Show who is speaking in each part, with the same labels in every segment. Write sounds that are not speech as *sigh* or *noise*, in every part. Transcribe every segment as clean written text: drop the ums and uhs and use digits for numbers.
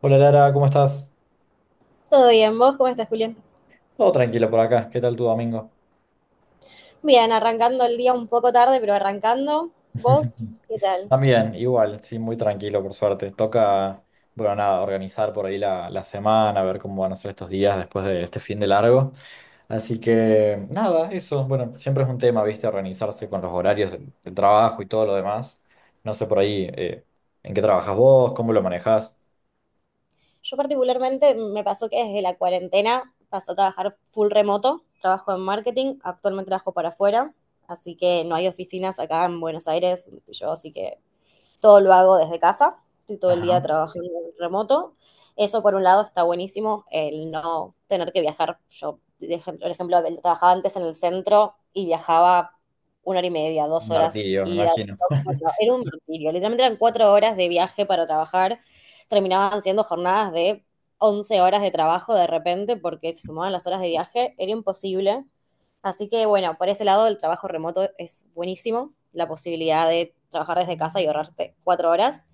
Speaker 1: Hola Lara, ¿cómo estás?
Speaker 2: Todo bien, ¿vos cómo estás, Julián?
Speaker 1: Todo tranquilo por acá, ¿qué tal tu domingo?
Speaker 2: Bien, arrancando el día un poco tarde, pero arrancando. ¿Vos
Speaker 1: *laughs*
Speaker 2: qué tal?
Speaker 1: También, igual, sí, muy tranquilo por suerte. Toca, bueno, nada, organizar por ahí la semana, ver cómo van a ser estos días después de este fin de largo. Así que, nada, eso, bueno, siempre es un tema, viste, organizarse con los horarios del trabajo y todo lo demás. No sé por ahí, ¿en qué trabajas vos? ¿Cómo lo manejás?
Speaker 2: Yo particularmente me pasó que desde la cuarentena pasé a trabajar full remoto, trabajo en marketing, actualmente trabajo para afuera, así que no hay oficinas acá en Buenos Aires, donde estoy yo, así que todo lo hago desde casa, estoy todo el día
Speaker 1: Ajá,
Speaker 2: trabajando remoto. Eso por un lado está buenísimo, el no tener que viajar. Yo, por ejemplo, trabajaba antes en el centro y viajaba una hora y media, dos
Speaker 1: un
Speaker 2: horas,
Speaker 1: martirio, me
Speaker 2: y era
Speaker 1: imagino. *laughs*
Speaker 2: un martirio. Literalmente eran 4 horas de viaje para trabajar, terminaban siendo jornadas de 11 horas de trabajo de repente porque se sumaban las horas de viaje, era imposible. Así que bueno, por ese lado el trabajo remoto es buenísimo, la posibilidad de trabajar desde casa y ahorrarte 4 horas.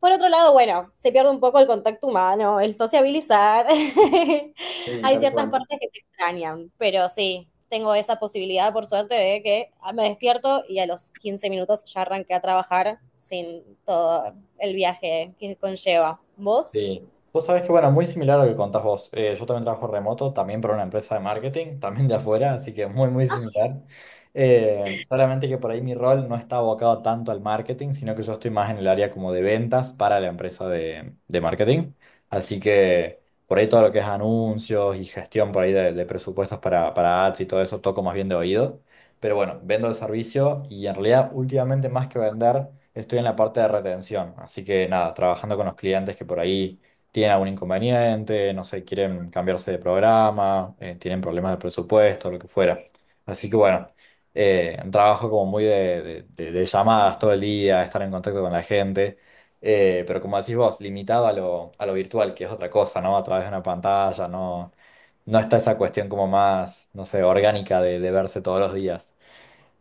Speaker 2: Por otro lado, bueno, se pierde un poco el contacto humano, el sociabilizar. *laughs*
Speaker 1: Sí,
Speaker 2: Hay
Speaker 1: tal
Speaker 2: ciertas
Speaker 1: cual.
Speaker 2: partes que se extrañan, pero sí, tengo esa posibilidad, por suerte, de que me despierto y a los 15 minutos ya arranqué a trabajar sin todo el viaje que conlleva. ¿Vos?
Speaker 1: Sí. Vos sabés que, bueno, muy similar a lo que contás vos. Yo también trabajo remoto, también para una empresa de marketing, *laughs* también de afuera, así que muy, muy similar. Solamente que por ahí mi rol no está abocado tanto al marketing, sino que yo estoy más en el área como de ventas para la empresa de marketing. Así que por ahí todo lo que es anuncios y gestión por ahí de presupuestos para ads y todo eso toco más bien de oído. Pero bueno, vendo el servicio y en realidad últimamente más que vender, estoy en la parte de retención. Así que nada, trabajando con los clientes que por ahí tienen algún inconveniente, no sé, quieren cambiarse de programa, tienen problemas de presupuesto, lo que fuera. Así que bueno, trabajo como muy de llamadas todo el día, estar en contacto con la gente. Pero como decís vos, limitado a lo virtual, que es otra cosa, ¿no? A través de una pantalla, no, no está esa cuestión como más, no sé, orgánica de verse todos los días.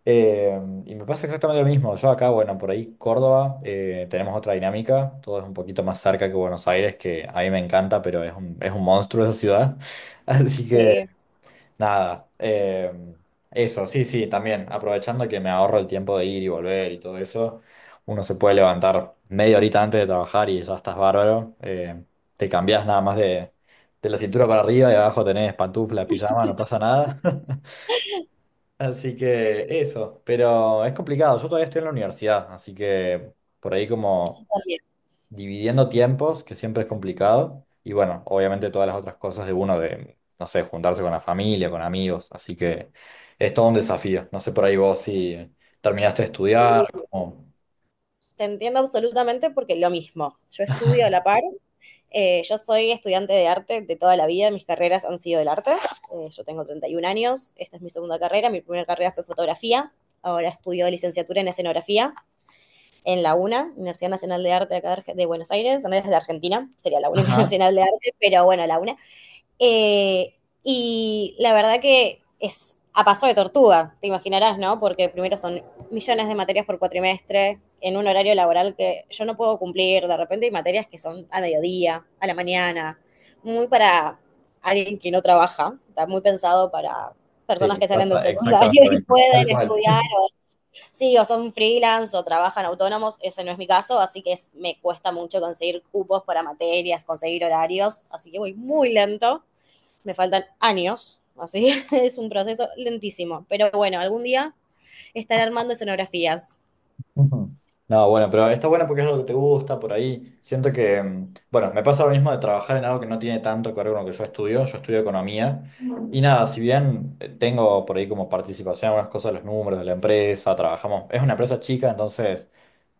Speaker 1: Eh, y me pasa exactamente lo mismo. Yo acá, bueno, por ahí Córdoba, tenemos otra dinámica. Todo es un poquito más cerca que Buenos Aires, que a mí me encanta, pero es un monstruo esa ciudad. *laughs* Así que,
Speaker 2: Sí,
Speaker 1: nada. Eso, sí, sí, también. Aprovechando que me ahorro el tiempo de ir y volver y todo eso, uno se puede levantar media horita antes de trabajar y ya estás bárbaro. Te cambiás nada más de la cintura para arriba y abajo tenés pantufla, pijama, no pasa nada. *laughs* Así que eso, pero es complicado. Yo todavía estoy en la universidad, así que por ahí como
Speaker 2: también.
Speaker 1: dividiendo tiempos, que siempre es complicado. Y bueno, obviamente todas las otras cosas de uno de, no sé, juntarse con la familia, con amigos. Así que es todo un desafío. No sé por ahí vos si terminaste de estudiar, como...
Speaker 2: Te entiendo absolutamente porque lo mismo. Yo estudio a la par. Yo soy estudiante de arte de toda la vida, mis carreras han sido del arte. Yo tengo 31 años, esta es mi segunda carrera, mi primera carrera fue fotografía, ahora estudio licenciatura en escenografía en la UNA, Universidad Nacional de Arte de Buenos Aires, no es de Argentina, sería la única *laughs*
Speaker 1: Ajá.
Speaker 2: nacional de arte, pero bueno, la UNA. Eh, y la verdad que es a paso de tortuga, te imaginarás, ¿no? Porque primero son millones de materias por cuatrimestre, en un horario laboral que yo no puedo cumplir. De repente hay materias que son al mediodía, a la mañana, muy para alguien que no trabaja, está muy pensado para
Speaker 1: Sí,
Speaker 2: personas
Speaker 1: me
Speaker 2: que salen del
Speaker 1: pasa
Speaker 2: secundario
Speaker 1: exactamente lo
Speaker 2: y
Speaker 1: mismo. Tal
Speaker 2: pueden
Speaker 1: cual.
Speaker 2: estudiar, sí, o son freelance o trabajan autónomos, ese no es mi caso, así que es, me cuesta mucho conseguir cupos para materias, conseguir horarios, así que voy muy lento. Me faltan años, así *laughs* es un proceso lentísimo. Pero bueno, algún día estaré armando escenografías.
Speaker 1: Ujú. No, bueno, pero está bueno porque es algo que te gusta por ahí. Siento que, mm, bueno, me pasa lo mismo de trabajar en algo que no tiene tanto que ver con lo que yo estudio. Yo estudio economía y nada, si bien tengo por ahí como participación en algunas cosas, los números de la empresa, trabajamos, es una empresa chica, entonces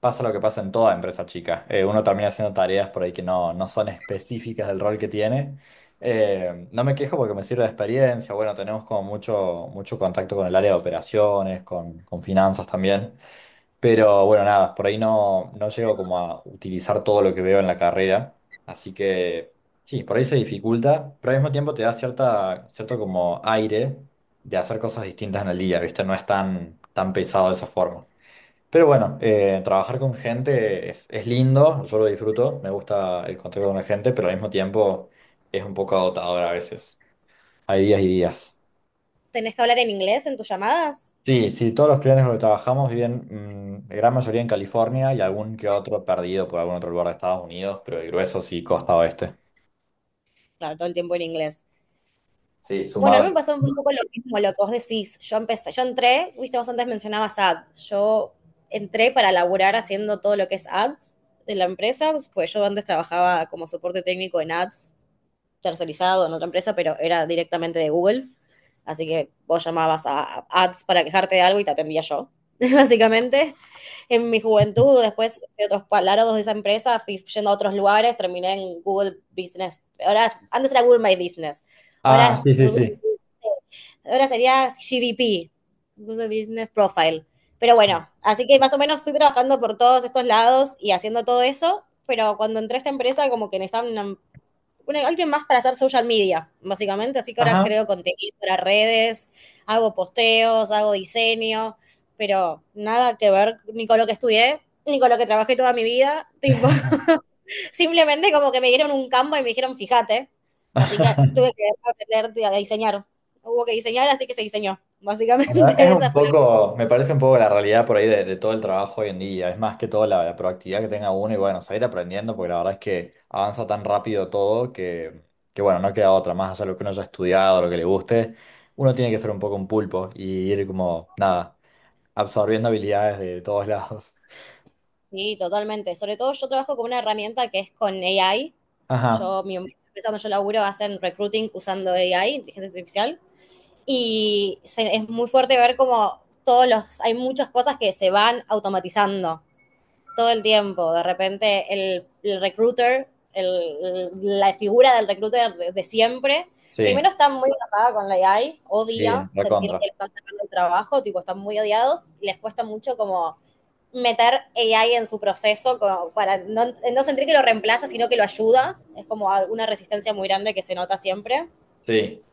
Speaker 1: pasa lo que pasa en toda empresa chica. Uno termina haciendo tareas por ahí que no, no son específicas del rol que tiene. No me quejo porque me sirve de experiencia. Bueno, tenemos como mucho, mucho contacto con el área de operaciones, con finanzas también. Pero bueno, nada, por ahí no, no llego como a utilizar todo lo que veo en la carrera. Así que sí, por ahí se dificulta, pero al mismo tiempo te da cierta, cierto como aire de hacer cosas distintas en el día, ¿viste? No es tan, tan pesado de esa forma. Pero bueno, trabajar con gente es lindo, yo lo disfruto, me gusta el contacto con la gente, pero al mismo tiempo es un poco agotador a veces. Hay días y días.
Speaker 2: ¿Tenés que hablar en inglés en tus llamadas?
Speaker 1: Sí, sí, todos los clientes con los que trabajamos viven, mm, la gran mayoría en California y algún que otro perdido por algún otro lugar de Estados Unidos, pero el grueso sí, costa oeste.
Speaker 2: Claro, todo el tiempo en inglés.
Speaker 1: Sí,
Speaker 2: Bueno, a
Speaker 1: sumado.
Speaker 2: mí me pasó un poco lo mismo, lo que vos decís. Yo entré, viste, vos antes mencionabas ads. Yo entré para laburar haciendo todo lo que es ads de la empresa, pues yo antes trabajaba como soporte técnico en ads tercerizado en otra empresa, pero era directamente de Google. Así que vos llamabas a ads para quejarte de algo y te atendía yo, *laughs* básicamente. En mi juventud, después de otros palabras de esa empresa, fui yendo a otros lugares, terminé en Google Business. Ahora, antes era Google My Business.
Speaker 1: Ah,
Speaker 2: Ahora,
Speaker 1: sí, sí,
Speaker 2: Google
Speaker 1: sí.
Speaker 2: Business. Ahora sería GBP, Google Business Profile. Pero bueno, así que más o menos fui trabajando por todos estos lados y haciendo todo eso, pero cuando entré a esta empresa como que necesitaba alguien más para hacer social media, básicamente. Así que ahora
Speaker 1: Ajá.
Speaker 2: creo contenido para redes, hago posteos, hago diseño, pero nada que ver ni con lo que estudié, ni con lo que trabajé toda mi vida. Tipo, *laughs*
Speaker 1: *laughs*
Speaker 2: simplemente como que me dieron un campo y me dijeron, fíjate. Así que tuve que aprender a diseñar. Hubo que diseñar, así que se diseñó. Básicamente
Speaker 1: Bueno, es
Speaker 2: *laughs* esa
Speaker 1: un
Speaker 2: fue la...
Speaker 1: poco, me parece un poco la realidad por ahí de todo el trabajo hoy en día. Es más que todo la, la proactividad que tenga uno y bueno, seguir aprendiendo, porque la verdad es que avanza tan rápido todo que bueno, no queda otra más allá de lo que uno haya estudiado, lo que le guste. Uno tiene que ser un poco un pulpo y ir como, nada absorbiendo habilidades de todos lados. *laughs*
Speaker 2: Sí, totalmente. Sobre todo yo trabajo con una herramienta que es con AI.
Speaker 1: Ajá,
Speaker 2: Yo, mi empresa donde yo laburo hacen recruiting usando AI, inteligencia artificial. Es muy fuerte ver como todos los, hay muchas cosas que se van automatizando todo el tiempo. De repente el recruiter, la figura del recruiter de siempre, primero
Speaker 1: sí,
Speaker 2: están muy tapada con la AI,
Speaker 1: sí,
Speaker 2: odia sentir que
Speaker 1: recontra.
Speaker 2: le están sacando el trabajo, tipo, están muy odiados, y les cuesta mucho como meter AI en su proceso como para no, sentir que lo reemplaza, sino que lo ayuda. Es como una resistencia muy grande que se nota siempre.
Speaker 1: Sí,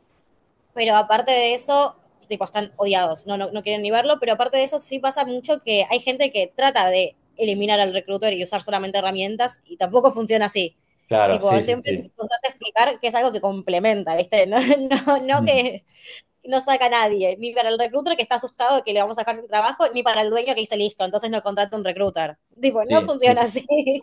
Speaker 2: Pero aparte de eso, tipo, están odiados, no, no, no quieren ni verlo, pero aparte de eso sí pasa mucho que hay gente que trata de eliminar al recruiter y usar solamente herramientas y tampoco funciona así.
Speaker 1: claro, sí,
Speaker 2: Tipo,
Speaker 1: sí,
Speaker 2: siempre es
Speaker 1: sí.
Speaker 2: importante explicar que es algo que complementa, ¿viste? *laughs* No, no, no
Speaker 1: Mm.
Speaker 2: que no saca a nadie, ni para el recruiter que está asustado de que le vamos a dejar sin trabajo, ni para el dueño que dice listo, entonces no contrata un recruiter. Tipo, no
Speaker 1: Sí, sí,
Speaker 2: funciona
Speaker 1: sí,
Speaker 2: así. *laughs*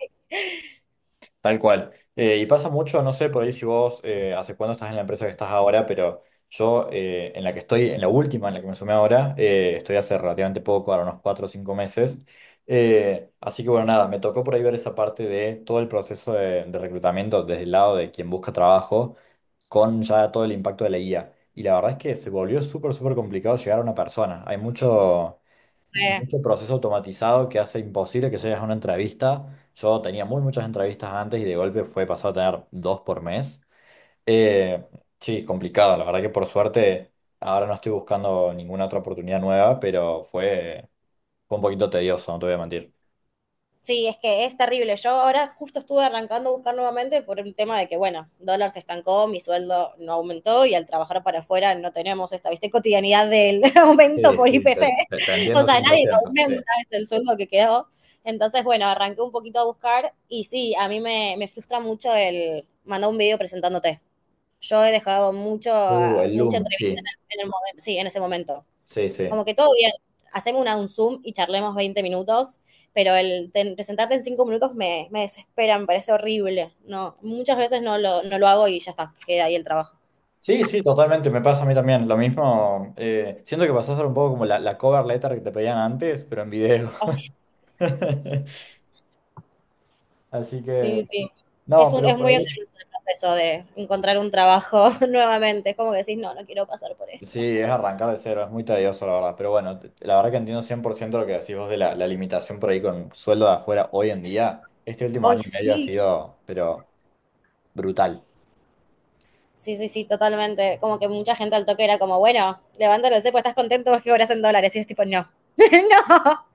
Speaker 1: tal cual. Y pasa mucho, no sé por ahí si vos, hace cuándo estás en la empresa que estás ahora, pero yo en la que estoy, en la última, en la que me sumé ahora, estoy hace relativamente poco, ahora unos cuatro o cinco meses. Así que bueno, nada, me tocó por ahí ver esa parte de todo el proceso de reclutamiento desde el lado de quien busca trabajo con ya todo el impacto de la IA. Y la verdad es que se volvió súper, súper complicado llegar a una persona. Hay mucho,
Speaker 2: Eh,
Speaker 1: mucho proceso automatizado que hace imposible que llegues a una entrevista. Yo tenía muy muchas entrevistas antes y de golpe fue pasado a tener dos por mes. Eh, sí, complicado. La verdad que por suerte ahora no estoy buscando ninguna otra oportunidad nueva, pero fue, fue un poquito tedioso, no te voy a mentir.
Speaker 2: Sí es que es terrible. Yo ahora justo estuve arrancando a buscar nuevamente por un tema de que, bueno, dólar se estancó, mi sueldo no aumentó y al trabajar para afuera no tenemos esta, ¿viste? Cotidianidad del *laughs* aumento
Speaker 1: Sí,
Speaker 2: por
Speaker 1: sí,
Speaker 2: IPC.
Speaker 1: te- te
Speaker 2: O
Speaker 1: entiendo
Speaker 2: sea, nadie te
Speaker 1: 100%. Sí.
Speaker 2: aumenta, es el sueldo que quedó. Entonces, bueno, arranqué un poquito a buscar y sí, a mí me, frustra mucho el mandar un video presentándote. Yo he dejado mucho,
Speaker 1: El
Speaker 2: mucha
Speaker 1: Loom,
Speaker 2: entrevista
Speaker 1: sí,
Speaker 2: sí, en ese momento.
Speaker 1: sí, sí.
Speaker 2: Como que todo bien, hacemos un Zoom y charlemos 20 minutos, pero presentarte en 5 minutos me desespera, me parece horrible. No, muchas veces no lo hago y ya está, queda ahí el trabajo.
Speaker 1: Sí, sí, totalmente, me pasa a mí también. Lo mismo, siento que pasó a ser un poco como la cover letter que te pedían antes, pero en video.
Speaker 2: Ay,
Speaker 1: *laughs* Así que,
Speaker 2: sí, sí.
Speaker 1: no,
Speaker 2: es, un,
Speaker 1: pero
Speaker 2: es
Speaker 1: por
Speaker 2: muy
Speaker 1: ahí.
Speaker 2: engorroso el proceso de encontrar un trabajo *laughs* nuevamente. Es como que decís, no, no quiero pasar por
Speaker 1: Sí,
Speaker 2: esto.
Speaker 1: es arrancar de cero, es muy tedioso, la verdad. Pero bueno, te- la verdad que entiendo 100% lo que decís vos de la, la limitación por ahí con sueldo de afuera hoy en día. Este último año
Speaker 2: Ay,
Speaker 1: y medio ha
Speaker 2: sí.
Speaker 1: sido, pero brutal.
Speaker 2: Sí, sí, sí, totalmente. Como que mucha gente al toque era como, bueno, levántate, pues estás contento, vos que cobras en dólares. Y es tipo, no, *laughs* no,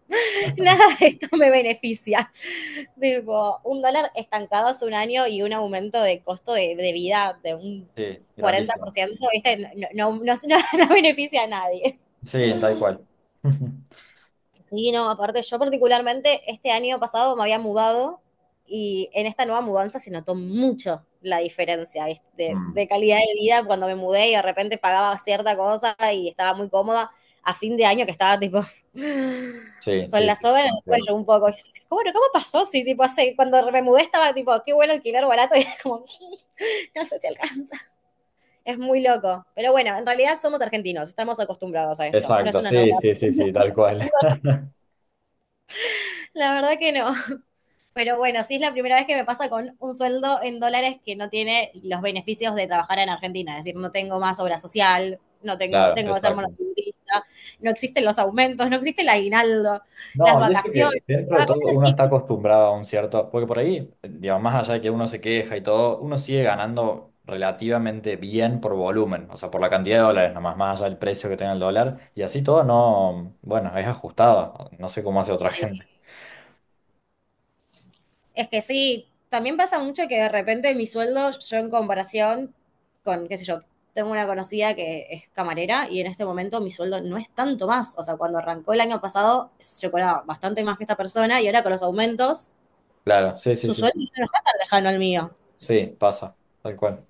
Speaker 2: nada de esto me beneficia. *laughs* Tipo, un dólar estancado hace un año y un aumento de costo de vida de un
Speaker 1: Sí, grandísimo.
Speaker 2: 40%, ¿viste? No, no, no, *laughs* no beneficia a nadie.
Speaker 1: Sí, tal cual. *laughs*
Speaker 2: Sí, no, aparte yo particularmente este año pasado me había mudado y en esta nueva mudanza se notó mucho la diferencia, ¿viste? De,
Speaker 1: Mm.
Speaker 2: de calidad de vida cuando me mudé y de repente pagaba cierta cosa y estaba muy cómoda a fin de año que estaba tipo *laughs*
Speaker 1: Sí,
Speaker 2: con
Speaker 1: sí,
Speaker 2: la
Speaker 1: sí,
Speaker 2: soga en
Speaker 1: tal
Speaker 2: el
Speaker 1: cual.
Speaker 2: cuello un poco. ¿Cómo pasó? Si tipo hace, cuando me mudé estaba tipo, qué bueno alquiler barato *laughs* y era como, *laughs* no sé si alcanza. Es muy loco. Pero bueno, en realidad somos argentinos, estamos acostumbrados a esto. No es
Speaker 1: Exacto,
Speaker 2: una novedad.
Speaker 1: sí, sí, sí, sí, tal cual. *laughs*
Speaker 2: La verdad que no. Pero bueno, sí es la primera vez que me pasa con un sueldo en dólares que no tiene los beneficios de trabajar en Argentina. Es decir, no tengo más obra social, no tengo,
Speaker 1: Claro,
Speaker 2: tengo que ser
Speaker 1: exacto.
Speaker 2: monotributista, no existen los aumentos, no existe el aguinaldo, las
Speaker 1: No, y eso que
Speaker 2: vacaciones.
Speaker 1: dentro de
Speaker 2: Las
Speaker 1: todo
Speaker 2: vacaciones
Speaker 1: uno
Speaker 2: sí,
Speaker 1: está acostumbrado a un cierto, porque por ahí, digamos, más allá de que uno se queja y todo, uno sigue ganando relativamente bien por volumen, o sea, por la cantidad de dólares, nomás más allá del precio que tenga el dólar, y así todo no, bueno, es ajustado, no sé cómo hace otra *laughs* gente.
Speaker 2: sí. Es que sí, también pasa mucho que de repente mi sueldo, yo en comparación con, qué sé yo, tengo una conocida que es camarera y en este momento mi sueldo no es tanto más. O sea, cuando arrancó el año pasado, yo cobraba bastante más que esta persona y ahora con los aumentos
Speaker 1: Claro, sí, sí,
Speaker 2: su
Speaker 1: sí,
Speaker 2: sueldo ya no está tan lejano al mío.
Speaker 1: sí, pasa, tal cual.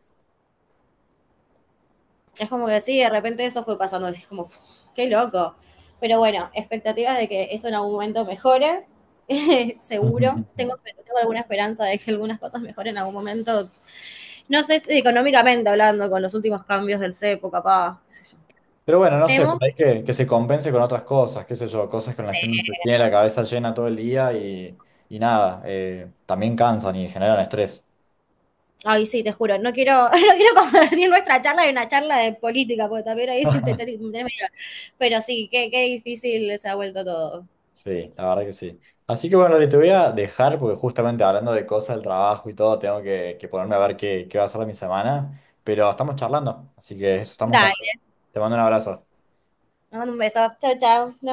Speaker 2: Es como que sí, de repente eso fue pasando. Es como, "Uf, qué loco". Pero bueno, expectativas de que eso en algún momento mejore. *laughs*
Speaker 1: *laughs*
Speaker 2: Seguro
Speaker 1: Ujú.
Speaker 2: tengo, alguna esperanza de que algunas cosas mejoren en algún momento. No sé si económicamente hablando, con los últimos cambios del CEPO, capaz, qué sé yo.
Speaker 1: Pero bueno, no sé, por
Speaker 2: Temo,
Speaker 1: ahí que se compense con otras cosas, qué sé yo, cosas con las que uno se tiene la cabeza llena todo el día y nada, también cansan y generan estrés.
Speaker 2: ay sí, te juro, no quiero, *laughs* no quiero convertir nuestra charla en una charla de política, porque también ahí *laughs*
Speaker 1: *laughs*
Speaker 2: Pero sí, qué, difícil se ha vuelto todo.
Speaker 1: Sí, la verdad que sí. Así que bueno, le te voy a dejar porque justamente hablando de cosas del trabajo y todo, tengo que ponerme a ver qué, qué va a ser de mi semana, pero estamos charlando, así que eso estamos en contacto.
Speaker 2: Dale,
Speaker 1: Te mando un abrazo.
Speaker 2: te mando un beso, chao, chao, nos